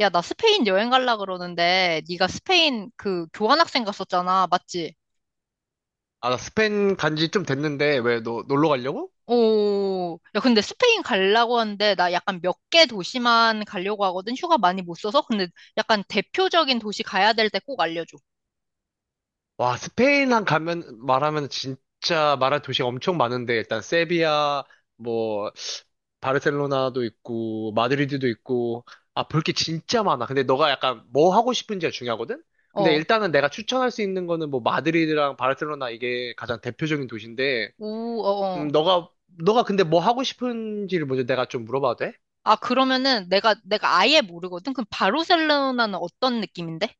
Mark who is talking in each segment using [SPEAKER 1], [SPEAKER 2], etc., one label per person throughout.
[SPEAKER 1] 야, 나 스페인 여행 갈라 그러는데 네가 스페인 그 교환학생 갔었잖아. 맞지?
[SPEAKER 2] 아, 나 스페인 간지 좀 됐는데, 왜 너 놀러 가려고?
[SPEAKER 1] 오. 야, 근데 스페인 가려고 하는데 나 약간 몇 개 도시만 가려고 하거든. 휴가 많이 못 써서. 근데 약간 대표적인 도시 가야 될 때 꼭 알려줘.
[SPEAKER 2] 와, 스페인 한 가면, 말하면 진짜 말할 도시가 엄청 많은데, 일단 세비야, 뭐, 바르셀로나도 있고, 마드리드도 있고, 아, 볼 게 진짜 많아. 근데 너가 약간 뭐 하고 싶은지가 중요하거든? 근데
[SPEAKER 1] 어.
[SPEAKER 2] 일단은 내가 추천할 수 있는 거는 뭐, 마드리드랑 바르셀로나 이게 가장 대표적인 도시인데,
[SPEAKER 1] 오, 어, 어.
[SPEAKER 2] 너가, 너가 근데 뭐 하고 싶은지를 먼저 내가 좀 물어봐도 돼?
[SPEAKER 1] 아, 그러면은 내가 아예 모르거든. 그럼 바르셀로나는 어떤 느낌인데?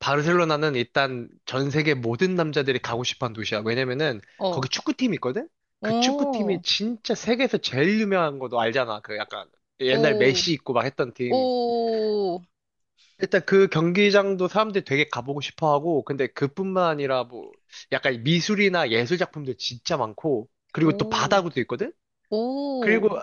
[SPEAKER 2] 바르셀로나는 일단 전 세계 모든 남자들이 가고 싶어 한 도시야. 왜냐면은
[SPEAKER 1] 어.
[SPEAKER 2] 거기 축구팀이 있거든? 그 축구팀이
[SPEAKER 1] 오.
[SPEAKER 2] 진짜 세계에서 제일 유명한 거 너 알잖아. 그 약간 옛날
[SPEAKER 1] 오.
[SPEAKER 2] 메시 있고 막 했던 팀.
[SPEAKER 1] 오.
[SPEAKER 2] 일단 그 경기장도 사람들이 되게 가보고 싶어 하고, 근데 그뿐만 아니라 뭐 약간 미술이나 예술 작품들 진짜 많고, 그리고 또
[SPEAKER 1] 오.
[SPEAKER 2] 바다구도 있거든?
[SPEAKER 1] 오.
[SPEAKER 2] 그리고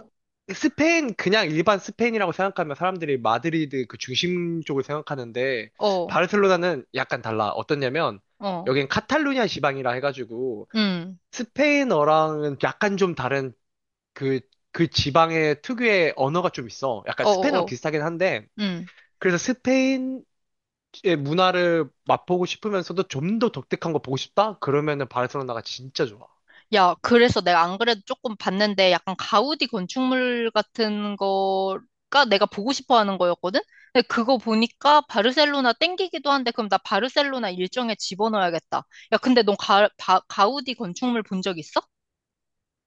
[SPEAKER 2] 스페인 그냥 일반 스페인이라고 생각하면 사람들이 마드리드 그 중심 쪽을 생각하는데
[SPEAKER 1] 어.
[SPEAKER 2] 바르셀로나는 약간 달라. 어떠냐면
[SPEAKER 1] 어.
[SPEAKER 2] 여긴 카탈루냐 지방이라 해가지고
[SPEAKER 1] 음.
[SPEAKER 2] 스페인어랑은 약간 좀 다른 그, 그 지방의 특유의 언어가 좀 있어. 약간
[SPEAKER 1] 어,
[SPEAKER 2] 스페인어랑
[SPEAKER 1] 어, 어.
[SPEAKER 2] 비슷하긴 한데
[SPEAKER 1] 음.
[SPEAKER 2] 그래서 스페인의 문화를 맛보고 싶으면서도 좀 더 독특한 거 보고 싶다? 그러면은 바르셀로나가 진짜 좋아.
[SPEAKER 1] 야, 그래서 내가 안 그래도 조금 봤는데 약간 가우디 건축물 같은 거가 내가 보고 싶어 하는 거였거든? 근데 그거 보니까 바르셀로나 땡기기도 한데 그럼 나 바르셀로나 일정에 집어넣어야겠다. 야, 근데 넌 가, 가우디 건축물 본 적 있어?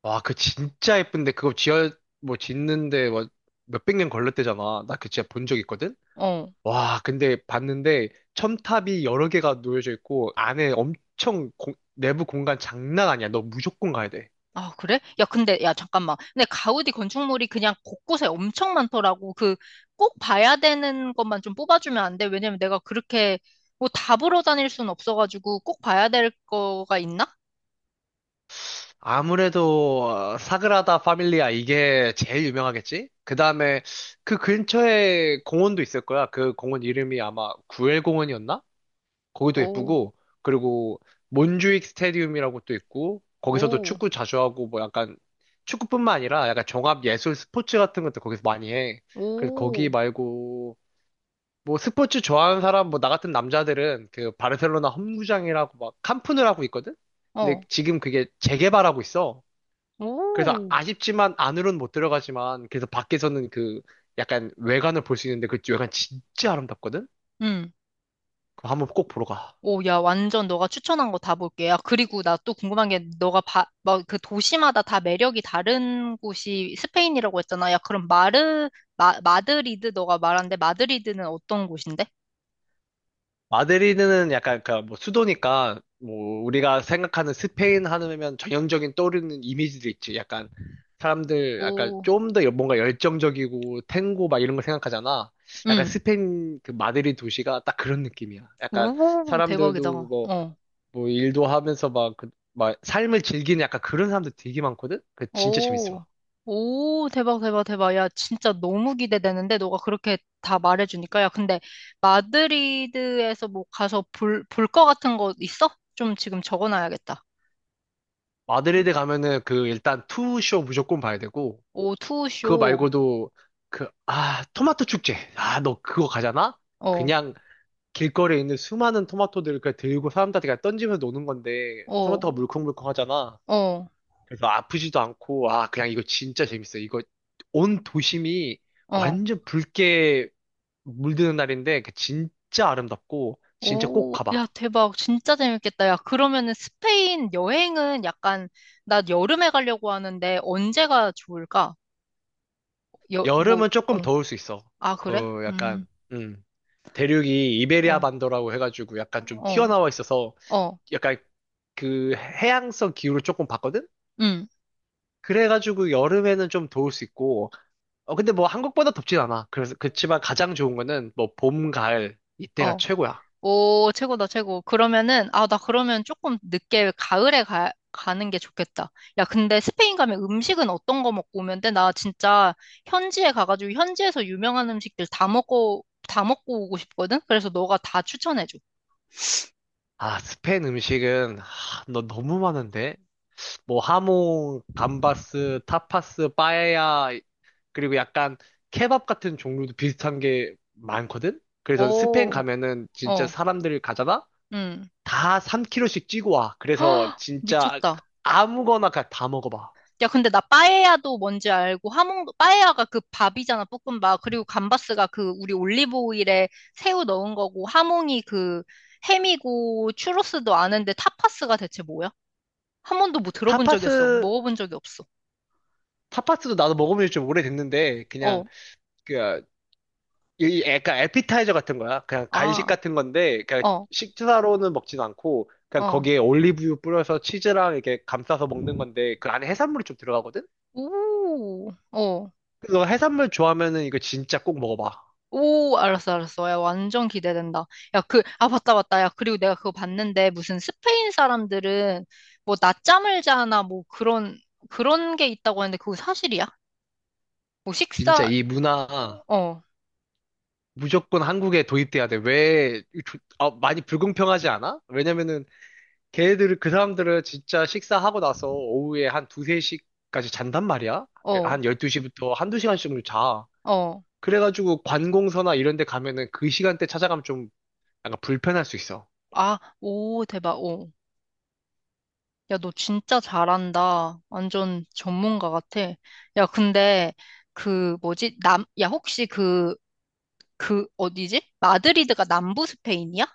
[SPEAKER 2] 와, 그 진짜 예쁜데 그거 지어 뭐 짓는데 뭐 몇백 년 걸렸대잖아. 나 그 진짜 본 적 있거든.
[SPEAKER 1] 어.
[SPEAKER 2] 와, 근데 봤는데 첨탑이 여러 개가 놓여져 있고 안에 엄청 내부 공간 장난 아니야. 너 무조건 가야 돼.
[SPEAKER 1] 아, 그래? 야, 근데, 야, 잠깐만. 근데 가우디 건축물이 그냥 곳곳에 엄청 많더라고. 그, 꼭 봐야 되는 것만 좀 뽑아주면 안 돼? 왜냐면 내가 그렇게, 뭐, 다 보러 다닐 순 없어가지고 꼭 봐야 될 거가 있나?
[SPEAKER 2] 아무래도 어, 사그라다 파밀리아 이게 제일 유명하겠지? 그다음에 그 근처에 공원도 있을 거야. 그 공원 이름이 아마 구엘 공원이었나? 거기도
[SPEAKER 1] 오.
[SPEAKER 2] 예쁘고 그리고 몬주익 스테디움이라고 또 있고 거기서도
[SPEAKER 1] 오,
[SPEAKER 2] 축구 자주 하고 뭐 약간 축구뿐만 아니라 약간 종합 예술 스포츠 같은 것도 거기서 많이 해. 그래서 거기
[SPEAKER 1] 오,
[SPEAKER 2] 말고 뭐 스포츠 좋아하는 사람 뭐 나 같은 남자들은 그 바르셀로나 홈구장이라고 막 캄프누라고 있거든. 근데
[SPEAKER 1] 어,
[SPEAKER 2] 지금 그게 재개발하고 있어. 그래서
[SPEAKER 1] 오,
[SPEAKER 2] 아쉽지만 안으로는 못 들어가지만 그래서 밖에서는 그 약간 외관을 볼 수 있는데 그 외관 진짜 아름답거든.
[SPEAKER 1] 응.
[SPEAKER 2] 그거 한번 꼭 보러 가.
[SPEAKER 1] 오, 야, 완전 너가 추천한 거 다 볼게. 야, 그리고 나 또 궁금한 게, 너가 막 그 도시마다 다 매력이 다른 곳이 스페인이라고 했잖아. 야, 그럼 마드리드, 너가 말한데, 마드리드는 어떤 곳인데?
[SPEAKER 2] 마드리드는 약간 그뭐 수도니까 뭐 우리가 생각하는 스페인 하면 전형적인 떠오르는 이미지들 있지. 약간 사람들 약간
[SPEAKER 1] 오,
[SPEAKER 2] 좀 더 뭔가 열정적이고 탱고 막 이런 걸 생각하잖아. 약간
[SPEAKER 1] 응.
[SPEAKER 2] 스페인 그 마드리드 도시가 딱 그런 느낌이야. 약간
[SPEAKER 1] 오, 대박이다.
[SPEAKER 2] 사람들도 뭐
[SPEAKER 1] 어.
[SPEAKER 2] 뭐 일도 하면서 막 그 막 삶을 즐기는 약간 그런 사람들 되게 많거든. 그 진짜
[SPEAKER 1] 오,
[SPEAKER 2] 재밌어.
[SPEAKER 1] 오, 대박, 대박, 대박. 야, 진짜 너무 기대되는데, 너가 그렇게 다 말해주니까. 야, 근데 마드리드에서 뭐 가서 볼 거 같은 거 있어? 좀 지금 적어놔야겠다. 불-
[SPEAKER 2] 마드리드 가면은 그 일단 투쇼 무조건 봐야 되고
[SPEAKER 1] 오, 투
[SPEAKER 2] 그거
[SPEAKER 1] 쇼
[SPEAKER 2] 말고도 그, 아, 토마토 축제. 아, 너 그거 가잖아?
[SPEAKER 1] 어,
[SPEAKER 2] 그냥 길거리에 있는 수많은 토마토들을 그냥 들고 사람들한테 그냥 던지면서 노는 건데,
[SPEAKER 1] 어,
[SPEAKER 2] 토마토가 물컹물컹하잖아.
[SPEAKER 1] 어,
[SPEAKER 2] 그래서 아프지도 않고, 아, 그냥 이거 진짜 재밌어. 이거 온 도심이
[SPEAKER 1] 어.
[SPEAKER 2] 완전 붉게 물드는 날인데, 그 진짜 아름답고, 진짜 꼭
[SPEAKER 1] 오, 야,
[SPEAKER 2] 가봐.
[SPEAKER 1] 대박. 진짜 재밌겠다. 야, 그러면은 스페인 여행은 약간, 나 여름에 가려고 하는데, 언제가 좋을까? 여, 뭐,
[SPEAKER 2] 여름은 조금
[SPEAKER 1] 어.
[SPEAKER 2] 더울 수 있어.
[SPEAKER 1] 아, 그래?
[SPEAKER 2] 그 약간, 음. 대륙이 이베리아
[SPEAKER 1] 어,
[SPEAKER 2] 반도라고 해가지고 약간 좀
[SPEAKER 1] 어,
[SPEAKER 2] 튀어나와 있어서
[SPEAKER 1] 어,
[SPEAKER 2] 약간 그 해양성 기후를 조금 봤거든?
[SPEAKER 1] 음.
[SPEAKER 2] 그래가지고 여름에는 좀 더울 수 있고, 어, 근데 뭐 한국보다 덥진 않아. 그래서, 그치만 가장 좋은 거는 뭐 봄, 가을, 이때가
[SPEAKER 1] 어.
[SPEAKER 2] 최고야.
[SPEAKER 1] 오, 최고다, 최고. 그러면은, 아, 나 그러면 조금 늦게 가을에 가는 게 좋겠다. 야, 근데 스페인 가면 음식은 어떤 거 먹고 오면 돼? 나 진짜 현지에 가가지고 현지에서 유명한 음식들 다 먹고, 다 먹고 오고 싶거든? 그래서 너가 다 추천해줘.
[SPEAKER 2] 아, 스페인 음식은, 아, 너 너무 많은데? 뭐 하모, 감바스, 타파스, 빠에야, 그리고 약간 케밥 같은 종류도 비슷한 게 많거든? 그래서 스페인
[SPEAKER 1] 오,
[SPEAKER 2] 가면은 진짜
[SPEAKER 1] 어,
[SPEAKER 2] 사람들이 가잖아?
[SPEAKER 1] 응.
[SPEAKER 2] 다 3kg씩 찌고 와. 그래서 진짜
[SPEAKER 1] 미쳤다.
[SPEAKER 2] 아무거나 그냥 다 먹어봐.
[SPEAKER 1] 야, 근데 나 빠에야도 뭔지 알고 하몽도 빠에야가 그 밥이잖아, 볶음밥. 그리고 감바스가 그 우리 올리브 오일에 새우 넣은 거고 하몽이 그 햄이고 추로스도 아는데 타파스가 대체 뭐야? 한 번도 뭐 들어본 적이 없어.
[SPEAKER 2] 타파스,
[SPEAKER 1] 먹어본 적이 없어.
[SPEAKER 2] 타파스도 나도 먹으면 좀 오래됐는데, 그냥,
[SPEAKER 1] 어,
[SPEAKER 2] 그, 이 약간 에피타이저 같은 거야. 그냥 간식
[SPEAKER 1] 아,
[SPEAKER 2] 같은 건데, 그냥
[SPEAKER 1] 어,
[SPEAKER 2] 식사로는 먹진 않고, 그냥
[SPEAKER 1] 어.
[SPEAKER 2] 거기에 올리브유 뿌려서 치즈랑 이렇게 감싸서 먹는 건데, 그 안에 해산물이 좀 들어가거든?
[SPEAKER 1] 오, 어.
[SPEAKER 2] 그래서 너 해산물 좋아하면은 이거 진짜 꼭 먹어봐.
[SPEAKER 1] 오, 알았어, 알았어. 야, 완전 기대된다. 야, 그, 아, 맞다, 맞다. 야, 그리고 내가 그거 봤는데, 무슨 스페인 사람들은 뭐 낮잠을 자나 뭐 그런, 그런 게 있다고 하는데, 그거 사실이야? 뭐
[SPEAKER 2] 진짜
[SPEAKER 1] 식사,
[SPEAKER 2] 이 문화
[SPEAKER 1] 어,
[SPEAKER 2] 무조건 한국에 도입돼야 돼. 왜, 어, 많이 불공평하지 않아? 왜냐면은 걔들, 그 사람들은 진짜 식사하고 나서 오후에 한 두세 시까지 잔단 말이야?
[SPEAKER 1] 어,
[SPEAKER 2] 한 12시부터 한두 시간씩을 자.
[SPEAKER 1] 어.
[SPEAKER 2] 그래가지고 관공서나 이런 데 가면은 그 시간대 찾아가면 좀 약간 불편할 수 있어.
[SPEAKER 1] 아, 오, 대박, 오. 야, 너 진짜 잘한다. 완전 전문가 같아. 야, 근데, 그, 뭐지? 남, 야, 혹시 그, 그, 어디지? 마드리드가 남부 스페인이야?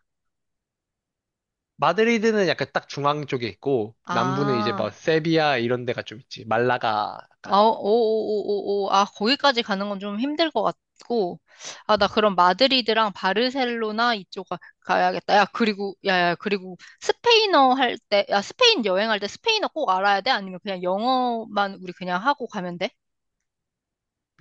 [SPEAKER 2] 마드리드는 약간 딱 중앙 쪽에 있고, 남부는 이제 뭐
[SPEAKER 1] 아.
[SPEAKER 2] 세비야 이런 데가 좀 있지. 말라가 약간.
[SPEAKER 1] 아, 오오오오오. 아, 거기까지 가는 건 좀 힘들 것 같고. 아, 나 그럼 마드리드랑 바르셀로나 이쪽 가야겠다. 야, 그리고, 야, 야, 그리고 스페인어 할 때, 야, 스페인 여행할 때 스페인어 꼭 알아야 돼? 아니면 그냥 영어만 우리 그냥 하고 가면 돼?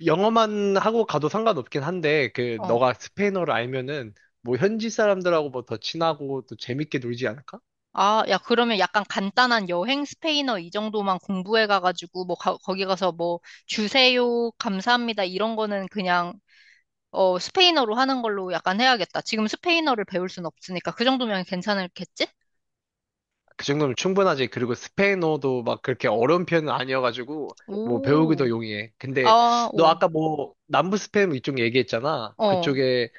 [SPEAKER 2] 영어만 하고 가도 상관없긴 한데, 그,
[SPEAKER 1] 어.
[SPEAKER 2] 너가 스페인어를 알면은 뭐 현지 사람들하고 뭐 더 친하고 또 재밌게 놀지 않을까?
[SPEAKER 1] 아, 야, 그러면 약간 간단한 여행 스페인어 이 정도만 공부해 가가지고, 뭐, 거기 가서 뭐, 주세요, 감사합니다, 이런 거는 그냥 어, 스페인어로 하는 걸로 약간 해야겠다. 지금 스페인어를 배울 순 없으니까 그 정도면 괜찮겠지?
[SPEAKER 2] 그 정도면 충분하지. 그리고 스페인어도 막 그렇게 어려운 편은 아니어가지고, 뭐 배우기도
[SPEAKER 1] 오,
[SPEAKER 2] 용이해. 근데
[SPEAKER 1] 아,
[SPEAKER 2] 너
[SPEAKER 1] 오,
[SPEAKER 2] 아까 뭐 남부 스페인 이쪽 얘기했잖아.
[SPEAKER 1] 어,
[SPEAKER 2] 그쪽에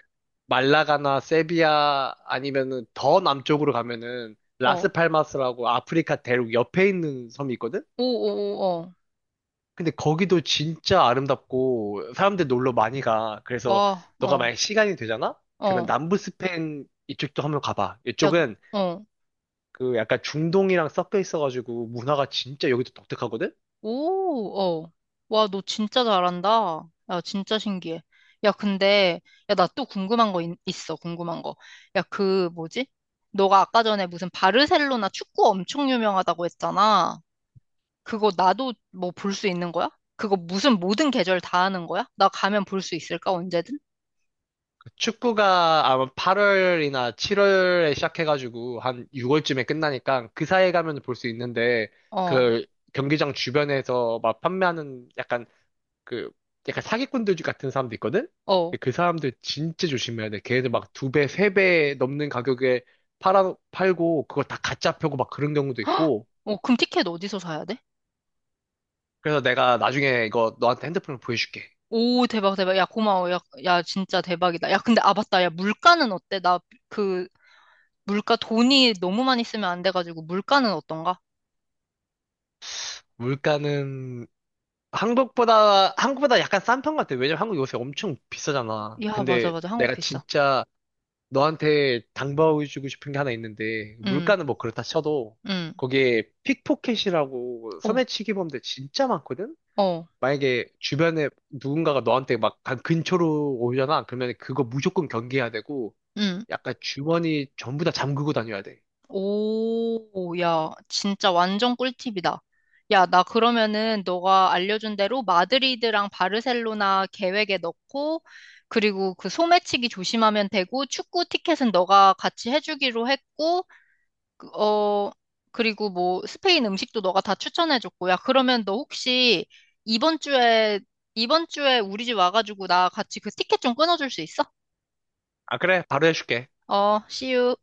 [SPEAKER 2] 말라가나 세비야 아니면은 더 남쪽으로 가면은
[SPEAKER 1] 어,
[SPEAKER 2] 라스팔마스라고 아프리카 대륙 옆에 있는 섬이 있거든?
[SPEAKER 1] 오, 오, 오, 어,
[SPEAKER 2] 근데 거기도 진짜 아름답고 사람들 놀러 많이 가. 그래서
[SPEAKER 1] 와,
[SPEAKER 2] 너가
[SPEAKER 1] 어,
[SPEAKER 2] 만약 시간이 되잖아? 그러면
[SPEAKER 1] 어,
[SPEAKER 2] 남부 스페인 이쪽도 한번 가봐.
[SPEAKER 1] 야, 너-
[SPEAKER 2] 이쪽은
[SPEAKER 1] 어,
[SPEAKER 2] 그 약간 중동이랑 섞여 있어가지고 문화가 진짜 여기도 독특하거든?
[SPEAKER 1] 오, 어, 와, 너 진짜 잘한다. 야, 진짜 신기해. 야, 근데, 야, 나 또 궁금한 거 있어, 궁금한 거. 야, 그, 뭐지? 너가 아까 전에 무슨 바르셀로나 축구 엄청 유명하다고 했잖아. 그거 나도 뭐 볼 수 있는 거야? 그거 무슨 모든 계절 다 하는 거야? 나 가면 볼 수 있을까? 언제든?
[SPEAKER 2] 그 축구가 아마 8월이나 7월에 시작해가지고 한 6월쯤에 끝나니까 그 사이에 가면 볼 수 있는데
[SPEAKER 1] 어,
[SPEAKER 2] 그 경기장 주변에서 막 판매하는 약간 그 약간 사기꾼들 같은 사람도 있거든? 근데
[SPEAKER 1] 어.
[SPEAKER 2] 그 사람들 진짜 조심해야 돼. 걔네들 막 2배, 3배 넘는 가격에 팔고 그걸 다 가짜 펴고 막 그런 경우도
[SPEAKER 1] 헉!
[SPEAKER 2] 있고
[SPEAKER 1] 어, 그럼 티켓 어디서 사야 돼?
[SPEAKER 2] 그래서 내가 나중에 이거 너한테 핸드폰을 보여줄게.
[SPEAKER 1] 오, 대박, 대박. 야, 고마워. 야, 야, 진짜 대박이다. 야, 근데, 아, 맞다. 야, 물가는 어때? 나, 그, 물가 돈이 너무 많이 쓰면 안 돼가지고, 물가는 어떤가?
[SPEAKER 2] 물가는 한국보다 약간 싼 편 같아. 왜냐면 한국 요새 엄청 비싸잖아.
[SPEAKER 1] 야, 맞아,
[SPEAKER 2] 근데
[SPEAKER 1] 맞아. 한국
[SPEAKER 2] 내가
[SPEAKER 1] 비싸.
[SPEAKER 2] 진짜 너한테 당부해주고 싶은 게 하나 있는데,
[SPEAKER 1] 응,
[SPEAKER 2] 물가는 뭐 그렇다 쳐도,
[SPEAKER 1] 응.
[SPEAKER 2] 거기에 픽포켓이라고
[SPEAKER 1] 어,
[SPEAKER 2] 소매치기 범죄 진짜 많거든?
[SPEAKER 1] 어.
[SPEAKER 2] 만약에 주변에 누군가가 너한테 막 근처로 오잖아. 그러면 그거 무조건 경계해야 되고,
[SPEAKER 1] 응.
[SPEAKER 2] 약간 주머니 전부 다 잠그고 다녀야 돼.
[SPEAKER 1] 오, 야, 진짜 완전 꿀팁이다. 야, 나 그러면은 너가 알려준 대로 마드리드랑 바르셀로나 계획에 넣고, 그리고 그 소매치기 조심하면 되고, 축구 티켓은 너가 같이 해주기로 했고, 그, 어, 그리고 뭐 스페인 음식도 너가 다 추천해줬고, 야, 그러면 너 혹시 이번 주에, 이번 주에 우리 집 와가지고 나 같이 그 티켓 좀 끊어줄 수 있어?
[SPEAKER 2] 아, 그래. 바로 해줄게.
[SPEAKER 1] 어, see you.